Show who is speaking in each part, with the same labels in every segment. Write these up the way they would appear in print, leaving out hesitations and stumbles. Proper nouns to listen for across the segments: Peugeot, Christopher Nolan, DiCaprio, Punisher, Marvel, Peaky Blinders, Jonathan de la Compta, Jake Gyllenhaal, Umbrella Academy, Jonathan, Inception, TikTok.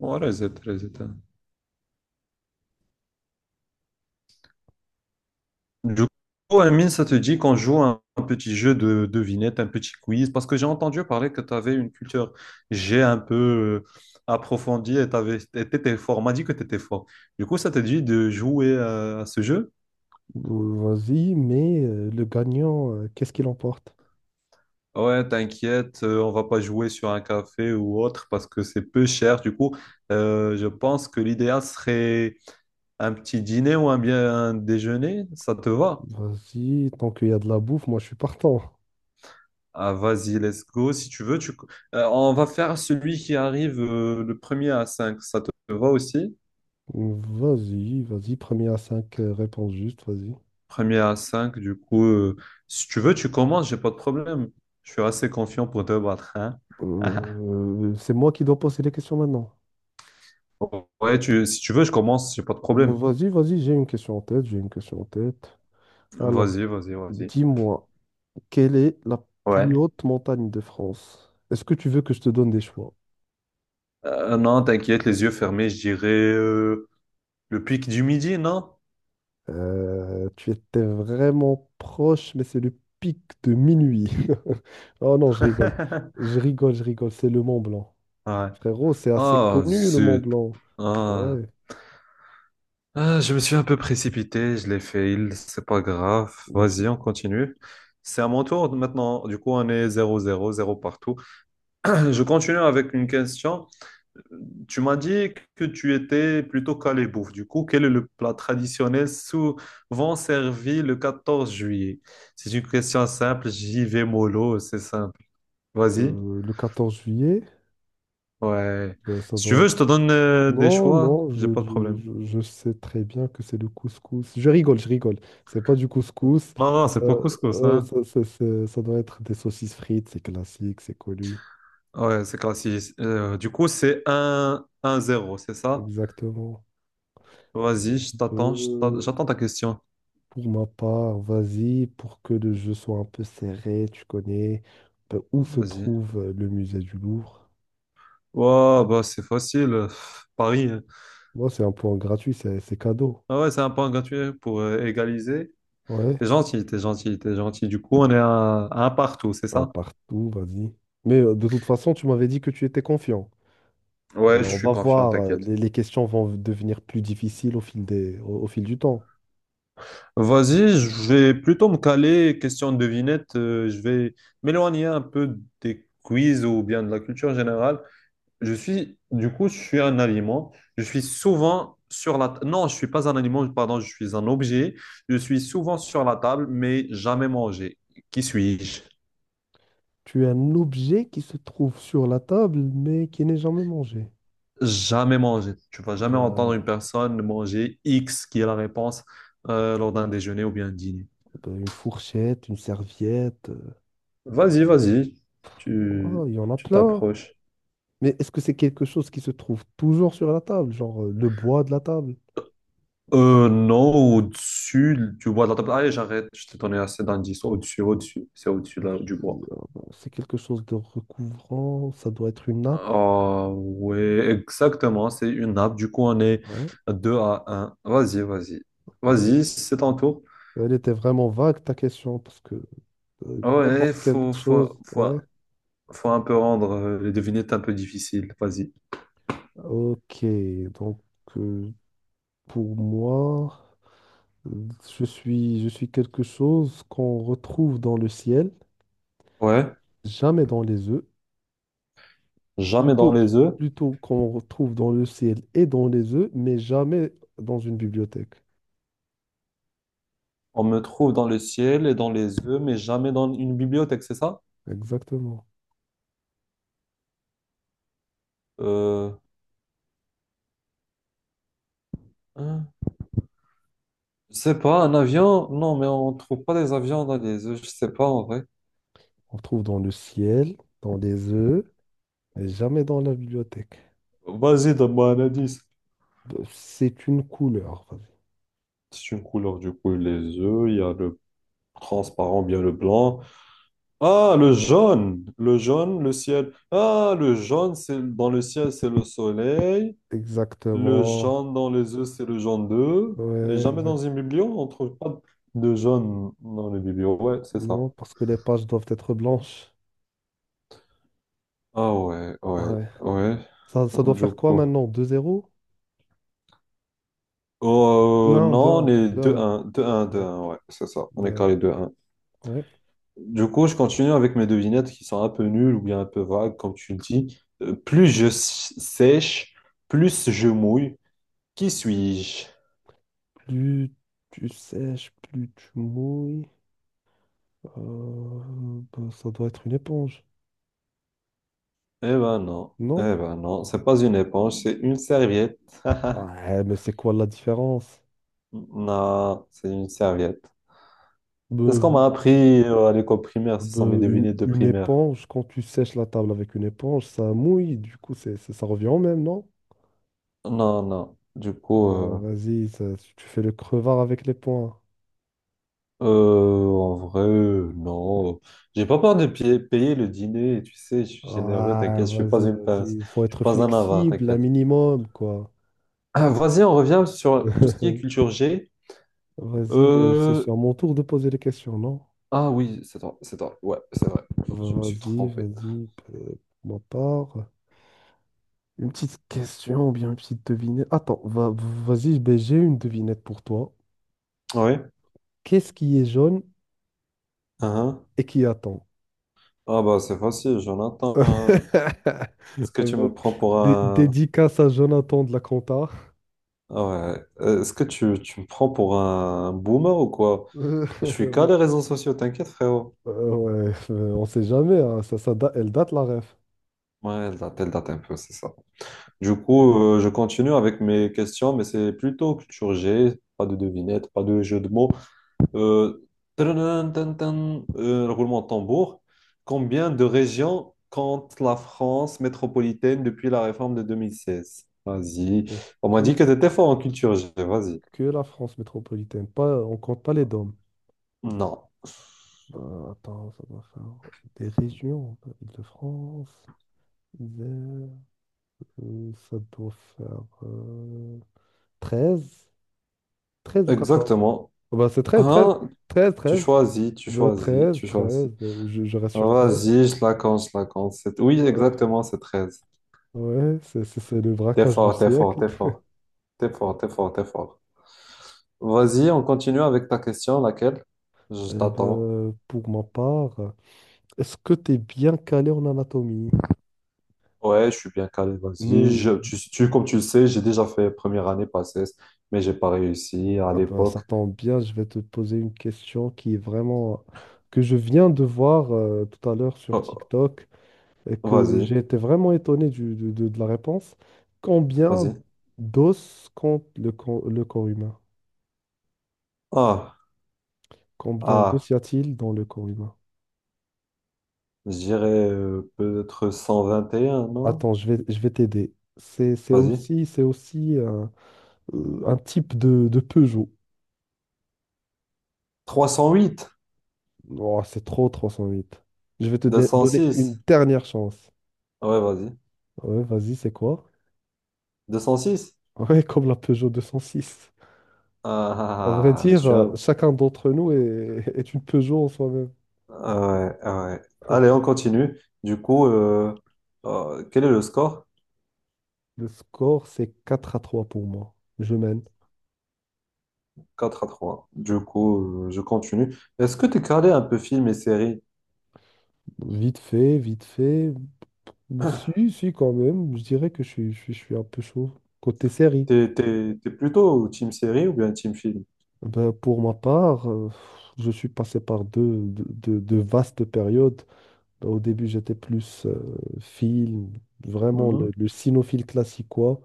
Speaker 1: Ouais, reset, reset, hein. Du coup, Amine, ça te dit qu'on joue un petit jeu de devinette, un petit quiz, parce que j'ai entendu parler que tu avais une culture j'ai un peu approfondie et tu étais fort. On m'a dit que tu étais fort. Du coup, ça te dit de jouer à ce jeu?
Speaker 2: Vas-y, mais le gagnant, qu'est-ce qu'il emporte?
Speaker 1: Ouais, t'inquiète, on va pas jouer sur un café ou autre parce que c'est peu cher. Du coup, je pense que l'idéal serait un petit dîner ou un bien un déjeuner. Ça te va?
Speaker 2: Vas-y, tant qu'il y a de la bouffe, moi je suis partant.
Speaker 1: Ah, vas-y, let's go. Si tu veux, tu... On va faire celui qui arrive le premier à cinq. Ça te va aussi?
Speaker 2: Vas-y, vas-y, premier à 5, réponses justes, vas-y.
Speaker 1: Premier à cinq, du coup. Si tu veux, tu commences, j'ai pas de problème. Je suis assez confiant pour te battre, hein.
Speaker 2: C'est moi qui dois poser les questions maintenant.
Speaker 1: Ouais, si tu veux, je commence, j'ai pas de problème.
Speaker 2: Vas-y, vas-y, j'ai une question en tête, j'ai une question en tête. Alors,
Speaker 1: Vas-y, vas-y, vas-y.
Speaker 2: dis-moi, quelle est la
Speaker 1: Ouais.
Speaker 2: plus haute montagne de France? Est-ce que tu veux que je te donne des choix?
Speaker 1: Non, t'inquiète, les yeux fermés, je dirais le Pic du Midi, non?
Speaker 2: Tu étais vraiment proche, mais c'est le pic de minuit. Oh non, je rigole. Je rigole, je rigole. C'est le Mont Blanc.
Speaker 1: Ouais.
Speaker 2: Frérot, c'est assez
Speaker 1: Oh,
Speaker 2: connu, le Mont
Speaker 1: zut.
Speaker 2: Blanc.
Speaker 1: Ah.
Speaker 2: Ouais.
Speaker 1: Ah, je me suis un peu précipité, je l'ai fait, c'est pas grave.
Speaker 2: Ben,
Speaker 1: Vas-y, on continue. C'est à mon tour maintenant. Du coup, on est zéro zéro zéro partout. Je continue avec une question. Tu m'as dit que tu étais plutôt calé bouffe. Du coup, quel est le plat traditionnel souvent servi le 14 juillet? C'est une question simple, j'y vais mollo, c'est simple. Vas-y.
Speaker 2: le 14 juillet,
Speaker 1: Ouais.
Speaker 2: ben,
Speaker 1: Si tu veux, je te donne des
Speaker 2: Non,
Speaker 1: choix,
Speaker 2: non, je,
Speaker 1: j'ai pas de
Speaker 2: je-
Speaker 1: problème.
Speaker 2: je- je sais très bien que c'est le couscous. Je rigole, je rigole. C'est pas du couscous.
Speaker 1: Non, non, c'est pas couscous,
Speaker 2: Ouais,
Speaker 1: hein.
Speaker 2: ça doit être des saucisses frites, c'est classique, c'est connu.
Speaker 1: Ouais, c'est classique. Du coup, c'est un zéro, c'est ça?
Speaker 2: Exactement.
Speaker 1: Vas-y, je t'attends,
Speaker 2: Euh,
Speaker 1: j'attends ta question.
Speaker 2: Pour ma part, vas-y, pour que le jeu soit un peu serré, tu connais ben, où se
Speaker 1: Vas-y.
Speaker 2: trouve le musée du Louvre.
Speaker 1: Wow, bah c'est facile. Paris, hein.
Speaker 2: Moi, c'est un point gratuit, c'est cadeau.
Speaker 1: Ah ouais, c'est un point gratuit pour égaliser.
Speaker 2: Ouais,
Speaker 1: T'es gentil, t'es gentil, t'es gentil. Du coup, on est à un partout, c'est
Speaker 2: un
Speaker 1: ça?
Speaker 2: partout, vas-y. Mais de toute façon, tu m'avais dit que tu étais confiant. Ben,
Speaker 1: Ouais, je
Speaker 2: on
Speaker 1: suis
Speaker 2: va
Speaker 1: confiant,
Speaker 2: voir,
Speaker 1: t'inquiète.
Speaker 2: les questions vont devenir plus difficiles au fil des, au fil du temps.
Speaker 1: Vas-y, je vais plutôt me caler, question de devinette. Je vais m'éloigner un peu des quiz ou bien de la culture générale. Je suis, du coup, je suis un aliment. Je suis souvent sur la— Non, je suis pas un aliment, pardon, je suis un objet. Je suis souvent sur la table, mais jamais mangé. Qui suis-je?
Speaker 2: Tu es un objet qui se trouve sur la table, mais qui n'est jamais mangé.
Speaker 1: Jamais mangé. Tu vas jamais entendre une
Speaker 2: Ben,
Speaker 1: personne manger X, qui est la réponse, lors d'un déjeuner ou bien un dîner.
Speaker 2: ben, une fourchette, une serviette,
Speaker 1: Vas-y, vas-y. Tu,
Speaker 2: oh, il y en a
Speaker 1: tu
Speaker 2: plein.
Speaker 1: t'approches.
Speaker 2: Mais est-ce que c'est quelque chose qui se trouve toujours sur la table, genre le bois de la table?
Speaker 1: Non, au-dessus, tu vois, de la table. Allez, j'arrête. Je t'ai donné assez d'indices. Au-dessus, au-dessus. C'est au-dessus là, du
Speaker 2: Euh,
Speaker 1: bois.
Speaker 2: C'est quelque chose de recouvrant, ça doit être une nappe.
Speaker 1: Ah ouais, exactement, c'est une nappe. Du coup, on est
Speaker 2: Ouais.
Speaker 1: 2-1. Vas-y, vas-y.
Speaker 2: Euh,
Speaker 1: Vas-y, c'est ton tour.
Speaker 2: Elle était vraiment vague ta question parce que
Speaker 1: Ouais,
Speaker 2: n'importe quelle
Speaker 1: faut, faut,
Speaker 2: chose.
Speaker 1: faut,
Speaker 2: Ouais.
Speaker 1: faut un peu rendre les devinettes un peu difficiles. Vas-y.
Speaker 2: Ok. Donc euh, pour moi, euh, je suis quelque chose qu'on retrouve dans le ciel,
Speaker 1: Ouais,
Speaker 2: jamais dans les œufs.
Speaker 1: jamais dans
Speaker 2: Plutôt,
Speaker 1: les œufs.
Speaker 2: plutôt, qu'on retrouve dans le ciel et dans les œufs, mais jamais dans une bibliothèque.
Speaker 1: On me trouve dans le ciel et dans les œufs, mais jamais dans une bibliothèque, c'est ça?
Speaker 2: Exactement.
Speaker 1: Euh, hein, je sais pas, un avion? Non, mais on trouve pas des avions dans les œufs, je sais pas en vrai.
Speaker 2: On trouve dans le ciel, dans les œufs, mais jamais dans la bibliothèque.
Speaker 1: Vas-y, donne-moi un indice.
Speaker 2: Bah, c'est une couleur, vas-y.
Speaker 1: C'est une couleur, du coup, les œufs, il y a le transparent, bien le blanc. Ah, le jaune, le jaune, le ciel. Ah, le jaune, c'est dans le ciel, c'est le soleil. Le
Speaker 2: Exactement.
Speaker 1: jaune dans les œufs, c'est le jaune d'œuf. Et
Speaker 2: Ouais,
Speaker 1: jamais dans une bibliothèque, on trouve pas de jaune dans les bibliothèques. Ouais, c'est ça.
Speaker 2: Non, parce que les pages doivent être blanches.
Speaker 1: Ah ouais, ouais,
Speaker 2: Ouais.
Speaker 1: ouais.
Speaker 2: Ça doit
Speaker 1: Du
Speaker 2: faire quoi
Speaker 1: coup.
Speaker 2: maintenant? 2-0. Deux
Speaker 1: Oh,
Speaker 2: un,
Speaker 1: non,
Speaker 2: deux
Speaker 1: on
Speaker 2: un,
Speaker 1: est
Speaker 2: deux un.
Speaker 1: 2-1, 2-1,
Speaker 2: Ouais,
Speaker 1: 2-1, ouais, c'est ça. On est
Speaker 2: 2-1.
Speaker 1: carré 2-1.
Speaker 2: Ouais.
Speaker 1: Du coup, je continue avec mes devinettes qui sont un peu nulles ou bien un peu vagues, comme tu le dis. Plus sèche, plus je mouille. Qui suis-je?
Speaker 2: Plus tu sèches, plus tu mouilles. Euh, bah, ça doit être une éponge. Non?
Speaker 1: Eh ben non, c'est pas une éponge, c'est une serviette.
Speaker 2: Ouais, mais c'est quoi la différence?
Speaker 1: Non, c'est une serviette. C'est ce qu'on m'a appris à l'école primaire, ce sont
Speaker 2: Ben,
Speaker 1: mes
Speaker 2: une,
Speaker 1: devinettes de
Speaker 2: une
Speaker 1: primaire.
Speaker 2: éponge, quand tu sèches la table avec une éponge, ça mouille, du coup, ça revient au même, non?
Speaker 1: Non, non, du coup,
Speaker 2: Vas-y, tu fais le crevard avec les poings.
Speaker 1: en vrai, non. J'ai pas peur de payer le dîner, tu sais, je suis généreux,
Speaker 2: Ah,
Speaker 1: t'inquiète, je suis pas
Speaker 2: vas-y,
Speaker 1: une
Speaker 2: vas-y.
Speaker 1: pince,
Speaker 2: Il faut
Speaker 1: je suis
Speaker 2: être
Speaker 1: pas un avare,
Speaker 2: flexible, un
Speaker 1: t'inquiète.
Speaker 2: minimum, quoi.
Speaker 1: Ah, vas-y, on revient sur tout ce qui est culture G.
Speaker 2: Vas-y, mais c'est
Speaker 1: Euh,
Speaker 2: sur mon tour de poser les questions, non?
Speaker 1: Ah oui, c'est toi, c'est toi. Ouais, c'est vrai. Je me suis
Speaker 2: Vas-y,
Speaker 1: trompé.
Speaker 2: vas-y, pour ma part. Une petite question ou bien une petite devinette. Attends, vas-y, ben, j'ai une devinette pour toi.
Speaker 1: Ah oui.
Speaker 2: Qu'est-ce qui est jaune
Speaker 1: Hein.
Speaker 2: et qui attend?
Speaker 1: Ah bah c'est facile, Jonathan, hein. Est-ce que tu
Speaker 2: Euh,
Speaker 1: me prends pour un...
Speaker 2: Dédicace à Jonathan de la Compta.
Speaker 1: Ah ouais. Est-ce que tu me prends pour un boomer ou quoi?
Speaker 2: Euh,
Speaker 1: Je suis qu'à les
Speaker 2: bon,
Speaker 1: réseaux sociaux, t'inquiète, frérot.
Speaker 2: ouais, on sait jamais, hein, elle date la ref.
Speaker 1: Ouais, elle date un peu, c'est ça. Du coup, je continue avec mes questions, mais c'est plutôt culture G, pas de devinettes, pas de jeu de mots. Euh, Tadadun, tan, tan, roulement de tambour. Combien de régions compte la France métropolitaine depuis la réforme de 2016? Vas-y.
Speaker 2: Je-
Speaker 1: On m'a dit
Speaker 2: Que,
Speaker 1: que t'étais fort en culture G. Vas-y.
Speaker 2: que la France métropolitaine, pas, on compte pas les DOM.
Speaker 1: Non.
Speaker 2: Attends, ça doit faire des régions, Île-de-France, Isère, ça doit faire 13, 13 ou 14.
Speaker 1: Exactement.
Speaker 2: Oh, bah, c'est 13, 13,
Speaker 1: Hein?
Speaker 2: 13,
Speaker 1: Tu
Speaker 2: 13,
Speaker 1: choisis, tu
Speaker 2: de
Speaker 1: choisis,
Speaker 2: 13,
Speaker 1: tu
Speaker 2: 13,
Speaker 1: choisis.
Speaker 2: je reste sur 13.
Speaker 1: Vas-y, je la compte, je la compte. Oui,
Speaker 2: Ouais,
Speaker 1: exactement, c'est 13.
Speaker 2: ouais, c'est le
Speaker 1: T'es
Speaker 2: braquage du
Speaker 1: fort, t'es fort,
Speaker 2: siècle.
Speaker 1: t'es fort. T'es fort, t'es fort, t'es fort. Vas-y, on continue avec ta question, laquelle? Je
Speaker 2: Eh
Speaker 1: t'attends.
Speaker 2: ben, pour ma part, est-ce que tu es bien calé en anatomie?
Speaker 1: Ouais, je suis bien calé, vas-y.
Speaker 2: Mais
Speaker 1: Comme tu le sais, j'ai déjà fait première année passes mais j'ai pas réussi à
Speaker 2: ah ben,
Speaker 1: l'époque.
Speaker 2: ça tombe bien, je vais te poser une question qui est vraiment que je viens de voir tout à l'heure sur
Speaker 1: Oh,
Speaker 2: TikTok et
Speaker 1: oh,
Speaker 2: que
Speaker 1: vas-y,
Speaker 2: j'ai été vraiment étonné de la réponse. Combien
Speaker 1: vas-y.
Speaker 2: d'os compte le corps humain?
Speaker 1: Ah,
Speaker 2: Combien
Speaker 1: ah,
Speaker 2: d'os y a-t-il dans le corps humain?
Speaker 1: je dirais peut-être 121, non?
Speaker 2: Attends, je vais t'aider. C'est, c'est
Speaker 1: Vas-y.
Speaker 2: aussi, c'est aussi un type de Peugeot.
Speaker 1: 308.
Speaker 2: Oh, c'est trop 308. Je vais te
Speaker 1: deux cent
Speaker 2: donner une
Speaker 1: six
Speaker 2: dernière chance.
Speaker 1: Ouais, vas-y.
Speaker 2: Ouais, vas-y, c'est quoi?
Speaker 1: 206?
Speaker 2: Ouais, comme la Peugeot 206.
Speaker 1: Ah,
Speaker 2: À vrai
Speaker 1: ah, ah, ah, je
Speaker 2: dire,
Speaker 1: suis un...
Speaker 2: chacun d'entre nous est, est une Peugeot en soi-même.
Speaker 1: Ah ouais, ah ouais. Allez, on continue. Du coup, quel est le score?
Speaker 2: Le score, c'est 4-3 pour moi. Je mène.
Speaker 1: 4-3. Du coup, je continue. Est-ce que tu es calé un peu film et séries.
Speaker 2: Vite fait, vite fait. Si, si, quand même. Je dirais que je suis un peu chaud. Côté série.
Speaker 1: T'es plutôt team série ou bien team film?
Speaker 2: Ben, pour ma part, je suis passé par deux vastes périodes. Ben, au début, j'étais plus film, vraiment
Speaker 1: Mhm.
Speaker 2: le cinéphile classiquois.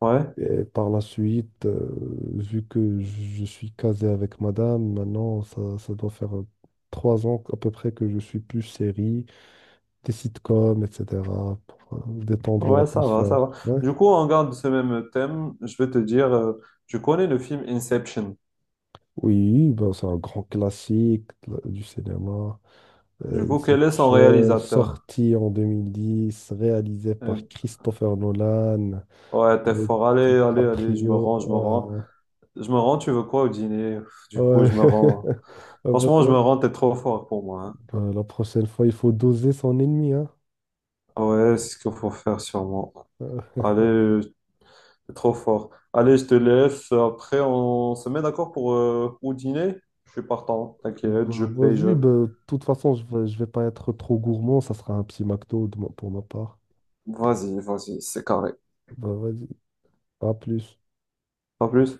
Speaker 1: Ouais,
Speaker 2: Et par la suite, vu que je suis casé avec madame, maintenant, ça doit faire 3 ans à peu près que je suis plus série, des sitcoms, etc., pour détendre
Speaker 1: ouais, ça va, ça
Speaker 2: l'atmosphère.
Speaker 1: va.
Speaker 2: Ouais.
Speaker 1: Du coup, on garde ce même thème. Je vais te dire, tu connais le film Inception.
Speaker 2: Oui, ben, c'est un grand classique de du cinéma.
Speaker 1: Du coup, quel est son
Speaker 2: Inception,
Speaker 1: réalisateur?
Speaker 2: sorti en 2010, réalisé
Speaker 1: Euh,
Speaker 2: par Christopher Nolan,
Speaker 1: ouais, t'es
Speaker 2: avec
Speaker 1: fort. Allez, allez, allez, je me rends, je me rends.
Speaker 2: DiCaprio.
Speaker 1: Je me rends, tu veux quoi au dîner? Du coup, je me
Speaker 2: Ouais.
Speaker 1: rends.
Speaker 2: Ah bah
Speaker 1: Franchement, je me
Speaker 2: ouais.
Speaker 1: rends, t'es trop fort pour moi.
Speaker 2: Bah, la prochaine fois, il faut doser son ennemi, hein.
Speaker 1: Hein. Ouais, c'est ce qu'il faut faire sûrement.
Speaker 2: Euh,
Speaker 1: Allez, c'est trop fort. Allez, je te laisse. Après, on se met d'accord pour au dîner. Je suis partant. T'inquiète,
Speaker 2: bah,
Speaker 1: je paye,
Speaker 2: vas-y,
Speaker 1: je...
Speaker 2: bah, de toute façon, je vais pas être trop gourmand, ça sera un petit McDo de pour ma part.
Speaker 1: Vas-y, vas-y, c'est carré.
Speaker 2: Bah, vas-y, à plus.
Speaker 1: Pas plus.